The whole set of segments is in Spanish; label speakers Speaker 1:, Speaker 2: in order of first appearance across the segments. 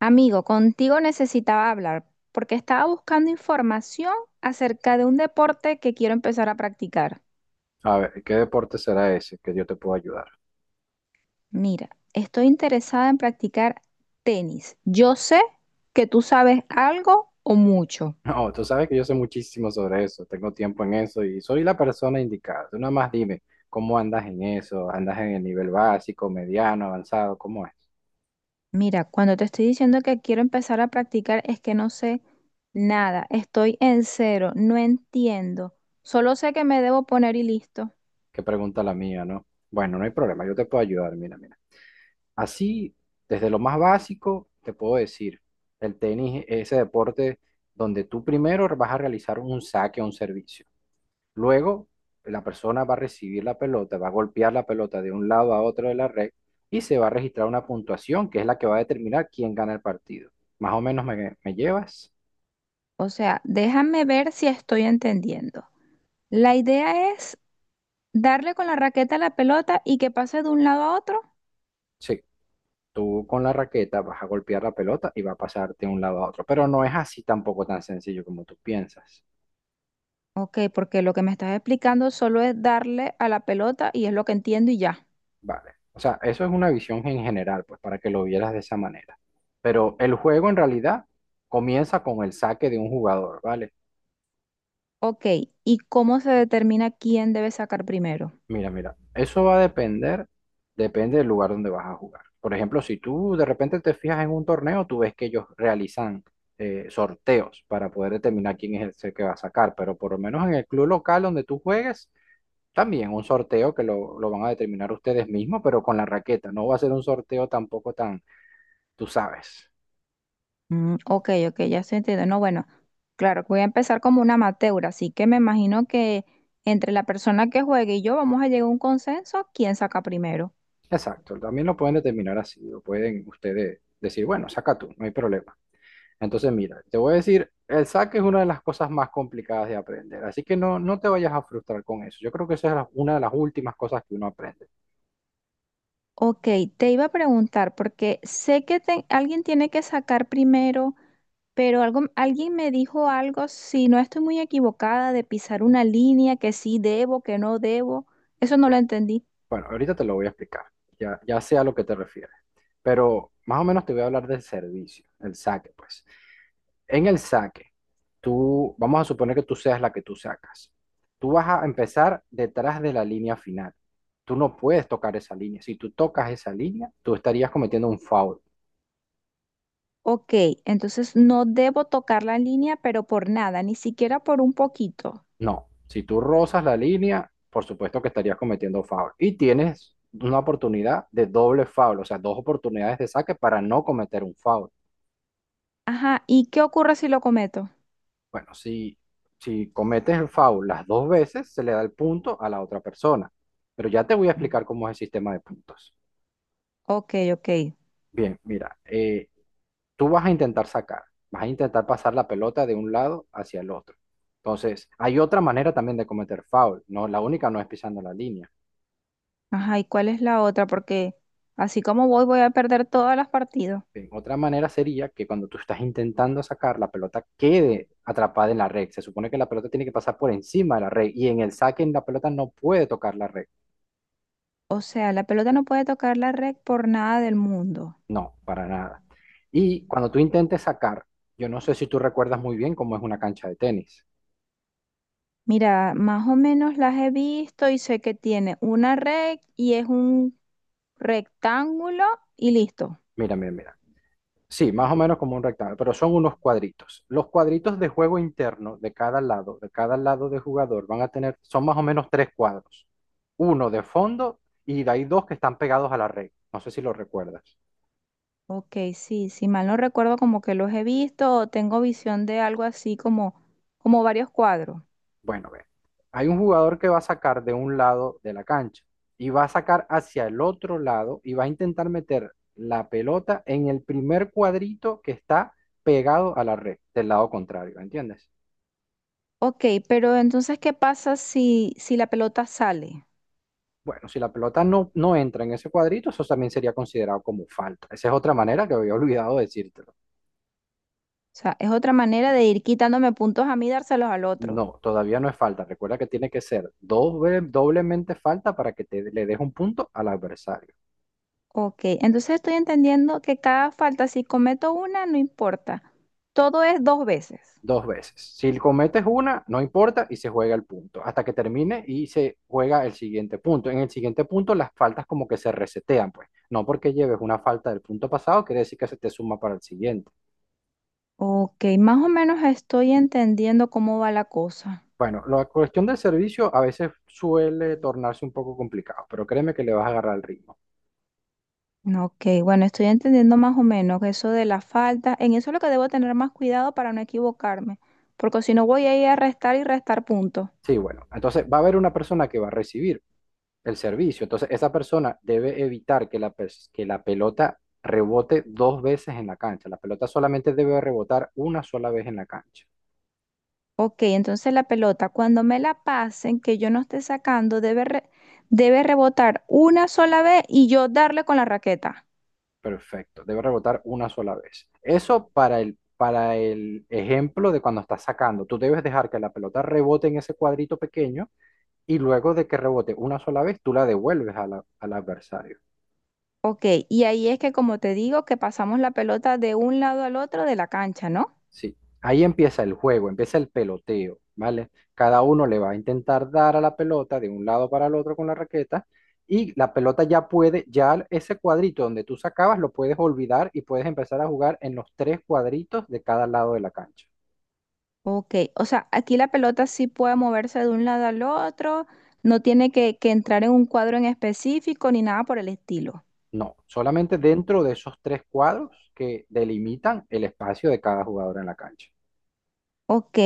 Speaker 1: Amigo, contigo necesitaba hablar porque estaba buscando información acerca de un deporte que quiero empezar a practicar.
Speaker 2: A ver, ¿qué deporte será ese que yo te puedo ayudar?
Speaker 1: Mira, estoy interesada en practicar tenis. Yo sé que tú sabes algo o mucho.
Speaker 2: No, tú sabes que yo sé muchísimo sobre eso, tengo tiempo en eso y soy la persona indicada. Tú nada más dime, ¿cómo andas en eso? ¿Andas en el nivel básico, mediano, avanzado? ¿Cómo es?
Speaker 1: Mira, cuando te estoy diciendo que quiero empezar a practicar es que no sé nada. Estoy en cero, no entiendo. Solo sé que me debo poner y listo.
Speaker 2: Qué pregunta la mía, ¿no? Bueno, no hay problema, yo te puedo ayudar, mira, mira. Así, desde lo más básico, te puedo decir, el tenis es ese deporte donde tú primero vas a realizar un saque o un servicio. Luego, la persona va a recibir la pelota, va a golpear la pelota de un lado a otro de la red y se va a registrar una puntuación que es la que va a determinar quién gana el partido. Más o menos me llevas.
Speaker 1: O sea, déjame ver si estoy entendiendo. La idea es darle con la raqueta a la pelota y que pase de un lado a otro.
Speaker 2: Sí, tú con la raqueta vas a golpear la pelota y va a pasarte de un lado a otro. Pero no es así tampoco tan sencillo como tú piensas.
Speaker 1: Ok, porque lo que me estás explicando solo es darle a la pelota y es lo que entiendo y ya.
Speaker 2: Vale. O sea, eso es una visión en general, pues para que lo vieras de esa manera. Pero el juego en realidad comienza con el saque de un jugador, ¿vale?
Speaker 1: Ok, ¿y cómo se determina quién debe sacar primero?
Speaker 2: Mira, mira, eso va a depender, depende del lugar donde vas a jugar. Por ejemplo, si tú de repente te fijas en un torneo, tú ves que ellos realizan sorteos para poder determinar quién es el que va a sacar, pero por lo menos en el club local donde tú juegues, también un sorteo que lo van a determinar ustedes mismos, pero con la raqueta. No va a ser un sorteo tampoco tan, tú sabes.
Speaker 1: Mm, ok, ok, ya estoy entendiendo. No, bueno, claro, voy a empezar como una amateur, así que me imagino que entre la persona que juegue y yo vamos a llegar a un consenso, quién saca primero.
Speaker 2: Exacto, también lo pueden determinar así, lo pueden ustedes decir, bueno, saca tú, no hay problema. Entonces, mira, te voy a decir, el saque es una de las cosas más complicadas de aprender, así que no, no te vayas a frustrar con eso. Yo creo que esa es una de las últimas cosas que uno aprende.
Speaker 1: Ok, te iba a preguntar, porque sé que alguien tiene que sacar primero. Pero alguien me dijo algo, si no estoy muy equivocada, de pisar una línea, que sí debo, que no debo. Eso no lo entendí.
Speaker 2: Bueno, ahorita te lo voy a explicar, ya, ya sé a lo que te refieres, pero más o menos te voy a hablar del servicio, el saque, pues. En el saque, vamos a suponer que tú seas la que tú sacas. Tú vas a empezar detrás de la línea final. Tú no puedes tocar esa línea. Si tú tocas esa línea, tú estarías cometiendo un foul.
Speaker 1: Ok, entonces no debo tocar la línea, pero por nada, ni siquiera por un poquito.
Speaker 2: No, si tú rozas la línea, por supuesto que estarías cometiendo foul. Y tienes una oportunidad de doble foul, o sea, dos oportunidades de saque para no cometer un foul.
Speaker 1: Ajá, ¿y qué ocurre si lo cometo?
Speaker 2: Bueno, si, si cometes el foul las dos veces, se le da el punto a la otra persona. Pero ya te voy a explicar cómo es el sistema de puntos.
Speaker 1: Ok, ok.
Speaker 2: Bien, mira, tú vas a intentar sacar, vas a intentar pasar la pelota de un lado hacia el otro. Entonces, hay otra manera también de cometer foul, no, la única no es pisando la línea.
Speaker 1: Ajá, ¿y cuál es la otra? Porque así como voy, voy a perder todas las partidas.
Speaker 2: Otra manera sería que cuando tú estás intentando sacar, la pelota quede atrapada en la red. Se supone que la pelota tiene que pasar por encima de la red y en el saque en la pelota no puede tocar la red.
Speaker 1: O sea, la pelota no puede tocar la red por nada del mundo.
Speaker 2: No, para nada. Y cuando tú intentes sacar, yo no sé si tú recuerdas muy bien cómo es una cancha de tenis.
Speaker 1: Mira, más o menos las he visto y sé que tiene una red y es un rectángulo y listo.
Speaker 2: Mira, mira, mira. Sí, más o menos como un rectángulo, pero son unos cuadritos. Los cuadritos de juego interno de cada lado, de cada lado de jugador, van a tener, son más o menos tres cuadros. Uno de fondo y de ahí dos que están pegados a la red. No sé si lo recuerdas.
Speaker 1: Ok, sí, si mal no recuerdo, como que los he visto o tengo visión de algo así como, como varios cuadros.
Speaker 2: Bueno, ve. Hay un jugador que va a sacar de un lado de la cancha y va a sacar hacia el otro lado y va a intentar meter la pelota en el primer cuadrito que está pegado a la red del lado contrario, ¿entiendes?
Speaker 1: Ok, pero entonces, ¿qué pasa si la pelota sale?
Speaker 2: Bueno, si la pelota no, no entra en ese cuadrito, eso también sería considerado como falta. Esa es otra manera que había olvidado decírtelo.
Speaker 1: O sea, es otra manera de ir quitándome puntos a mí y dárselos al otro.
Speaker 2: No, todavía no es falta. Recuerda que tiene que ser doblemente falta para que le des un punto al adversario.
Speaker 1: Ok, entonces estoy entendiendo que cada falta, si cometo una, no importa. Todo es dos veces.
Speaker 2: Dos veces. Si cometes una, no importa y se juega el punto. Hasta que termine y se juega el siguiente punto. En el siguiente punto, las faltas como que se resetean, pues. No porque lleves una falta del punto pasado, quiere decir que se te suma para el siguiente.
Speaker 1: Ok, más o menos estoy entendiendo cómo va la cosa.
Speaker 2: Bueno, la cuestión del servicio a veces suele tornarse un poco complicado, pero créeme que le vas a agarrar el ritmo.
Speaker 1: Ok, bueno, estoy entendiendo más o menos eso de la falta. En eso es lo que debo tener más cuidado para no equivocarme, porque si no voy a ir a restar y restar puntos.
Speaker 2: Sí, bueno, entonces va a haber una persona que va a recibir el servicio, entonces esa persona debe evitar que que la pelota rebote dos veces en la cancha. La pelota solamente debe rebotar una sola vez en la cancha.
Speaker 1: Ok, entonces la pelota, cuando me la pasen, que yo no esté sacando, debe rebotar una sola vez y yo darle con la raqueta.
Speaker 2: Perfecto, debe rebotar una sola vez. Eso para el ejemplo de cuando estás sacando, tú debes dejar que la pelota rebote en ese cuadrito pequeño y luego de que rebote una sola vez, tú la devuelves a al adversario.
Speaker 1: Ok, y ahí es que como te digo, que pasamos la pelota de un lado al otro de la cancha, ¿no?
Speaker 2: Sí. Ahí empieza el juego, empieza el peloteo, ¿vale? Cada uno le va a intentar dar a la pelota de un lado para el otro con la raqueta y la pelota ya puede, ya ese cuadrito donde tú sacabas lo puedes olvidar y puedes empezar a jugar en los tres cuadritos de cada lado de la cancha.
Speaker 1: Ok, o sea, aquí la pelota sí puede moverse de un lado al otro, no tiene que entrar en un cuadro en específico ni nada por el estilo.
Speaker 2: No, solamente dentro de esos tres cuadros que delimitan el espacio de cada jugador en la cancha.
Speaker 1: Ok,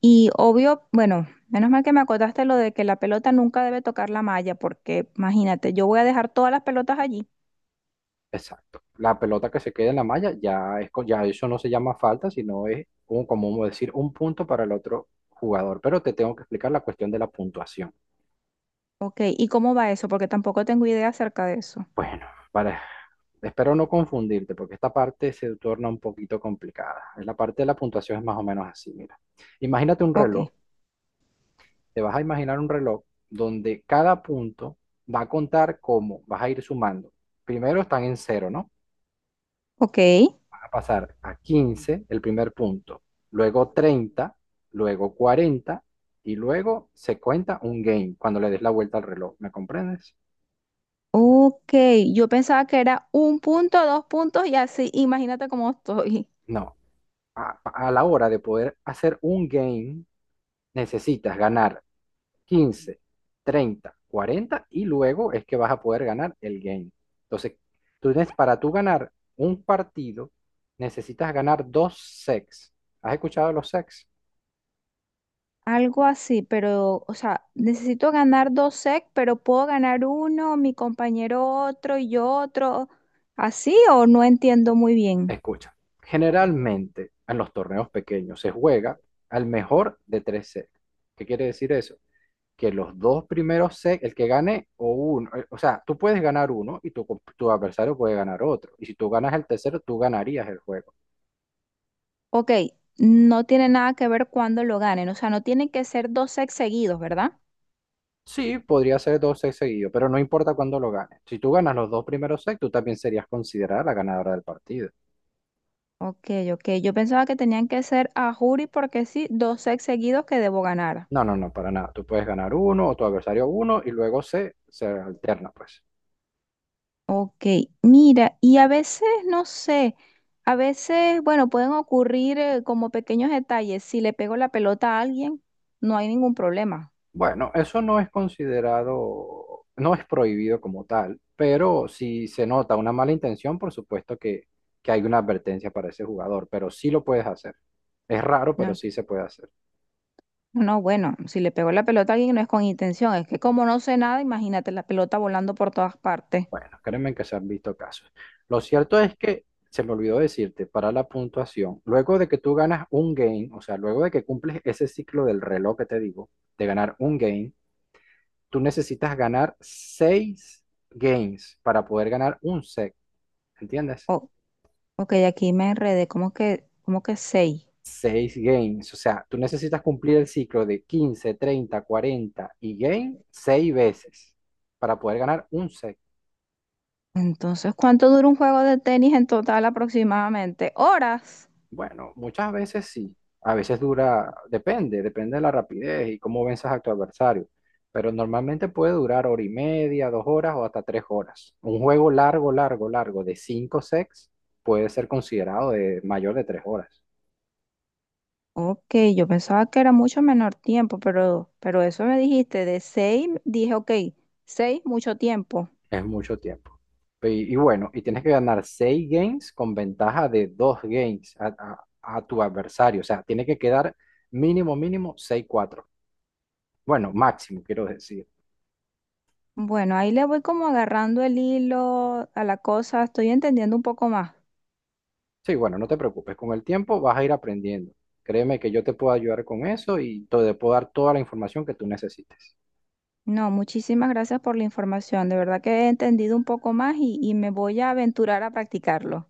Speaker 1: y obvio, bueno, menos mal que me acotaste lo de que la pelota nunca debe tocar la malla, porque imagínate, yo voy a dejar todas las pelotas allí.
Speaker 2: Exacto. La pelota que se queda en la malla ya eso no se llama falta, sino como vamos a decir un punto para el otro jugador. Pero te tengo que explicar la cuestión de la puntuación.
Speaker 1: Ok, ¿y cómo va eso? Porque tampoco tengo idea acerca de eso.
Speaker 2: Bueno, para, espero no confundirte porque esta parte se torna un poquito complicada. La parte de la puntuación es más o menos así, mira. Imagínate un
Speaker 1: Ok,
Speaker 2: reloj. Te vas a imaginar un reloj donde cada punto va a contar como vas a ir sumando. Primero están en cero, ¿no?
Speaker 1: ok,
Speaker 2: A pasar a 15 el primer punto, luego treinta, luego 40 y luego se cuenta un game cuando le des la vuelta al reloj. ¿Me comprendes?
Speaker 1: ok, yo pensaba que era un punto, dos puntos y así, imagínate cómo estoy.
Speaker 2: No. A, a la hora de poder hacer un game, necesitas ganar quince, treinta, 40 y luego es que vas a poder ganar el game. Entonces, tú tienes, para tú ganar un partido, necesitas ganar dos sets. ¿Has escuchado los sets?
Speaker 1: Algo así, pero, o sea, necesito ganar dos sec, pero puedo ganar uno, mi compañero otro y yo otro. ¿Así o no entiendo muy bien?
Speaker 2: Escucha, generalmente en los torneos pequeños se juega al mejor de tres sets. ¿Qué quiere decir eso? Que los dos primeros sets, el que gane o uno, o sea, tú puedes ganar uno y tu adversario puede ganar otro. Y si tú ganas el tercero, tú ganarías el juego.
Speaker 1: Ok, no tiene nada que ver cuándo lo ganen, o sea, no tienen que ser dos secs seguidos, ¿verdad?
Speaker 2: Sí, podría ser dos sets seguidos, pero no importa cuándo lo ganes. Si tú ganas los dos primeros sets, tú también serías considerada la ganadora del partido.
Speaker 1: Ok, ok, yo pensaba que tenían que ser a juri porque sí, dos secs seguidos que debo ganar.
Speaker 2: No, no, no, para nada. Tú puedes ganar uno o tu adversario uno y luego se, se alterna, pues.
Speaker 1: Ok, mira, y a veces, no sé, a veces, bueno, pueden ocurrir como pequeños detalles. Si le pego la pelota a alguien, no hay ningún problema.
Speaker 2: Bueno, eso no es considerado, no es prohibido como tal, pero si se nota una mala intención, por supuesto que, hay una advertencia para ese jugador, pero sí lo puedes hacer. Es raro, pero
Speaker 1: No,
Speaker 2: sí se puede hacer.
Speaker 1: no, bueno, si le pego la pelota a alguien no es con intención, es que como no sé nada, imagínate la pelota volando por todas partes.
Speaker 2: Bueno, créeme que se han visto casos. Lo cierto es que, se me olvidó decirte, para la puntuación, luego de que tú ganas un game, o sea, luego de que cumples ese ciclo del reloj que te digo, de ganar un game, tú necesitas ganar seis games para poder ganar un set, ¿entiendes?
Speaker 1: Oh, ok, aquí me enredé, como que seis.
Speaker 2: Seis games. O sea, tú necesitas cumplir el ciclo de 15, 30, 40 y game seis veces para poder ganar un set.
Speaker 1: Entonces, ¿cuánto dura un juego de tenis en total aproximadamente? Horas.
Speaker 2: Bueno, muchas veces sí. A veces dura, depende, depende de la rapidez y cómo venzas a tu adversario. Pero normalmente puede durar hora y media, 2 horas o hasta 3 horas. Un juego largo, largo, largo de cinco sets puede ser considerado de mayor de 3 horas.
Speaker 1: Ok, yo pensaba que era mucho menor tiempo, pero eso me dijiste, de seis, dije, ok, seis, mucho tiempo.
Speaker 2: Es mucho tiempo. Y bueno, y tienes que ganar seis games con ventaja de dos games a, a tu adversario. O sea, tiene que quedar mínimo, mínimo 6-4. Bueno, máximo, quiero decir.
Speaker 1: Bueno, ahí le voy como agarrando el hilo a la cosa, estoy entendiendo un poco más.
Speaker 2: Sí, bueno, no te preocupes. Con el tiempo vas a ir aprendiendo. Créeme que yo te puedo ayudar con eso y te puedo dar toda la información que tú necesites.
Speaker 1: No, muchísimas gracias por la información, de verdad que he entendido un poco más y me voy a aventurar a practicarlo.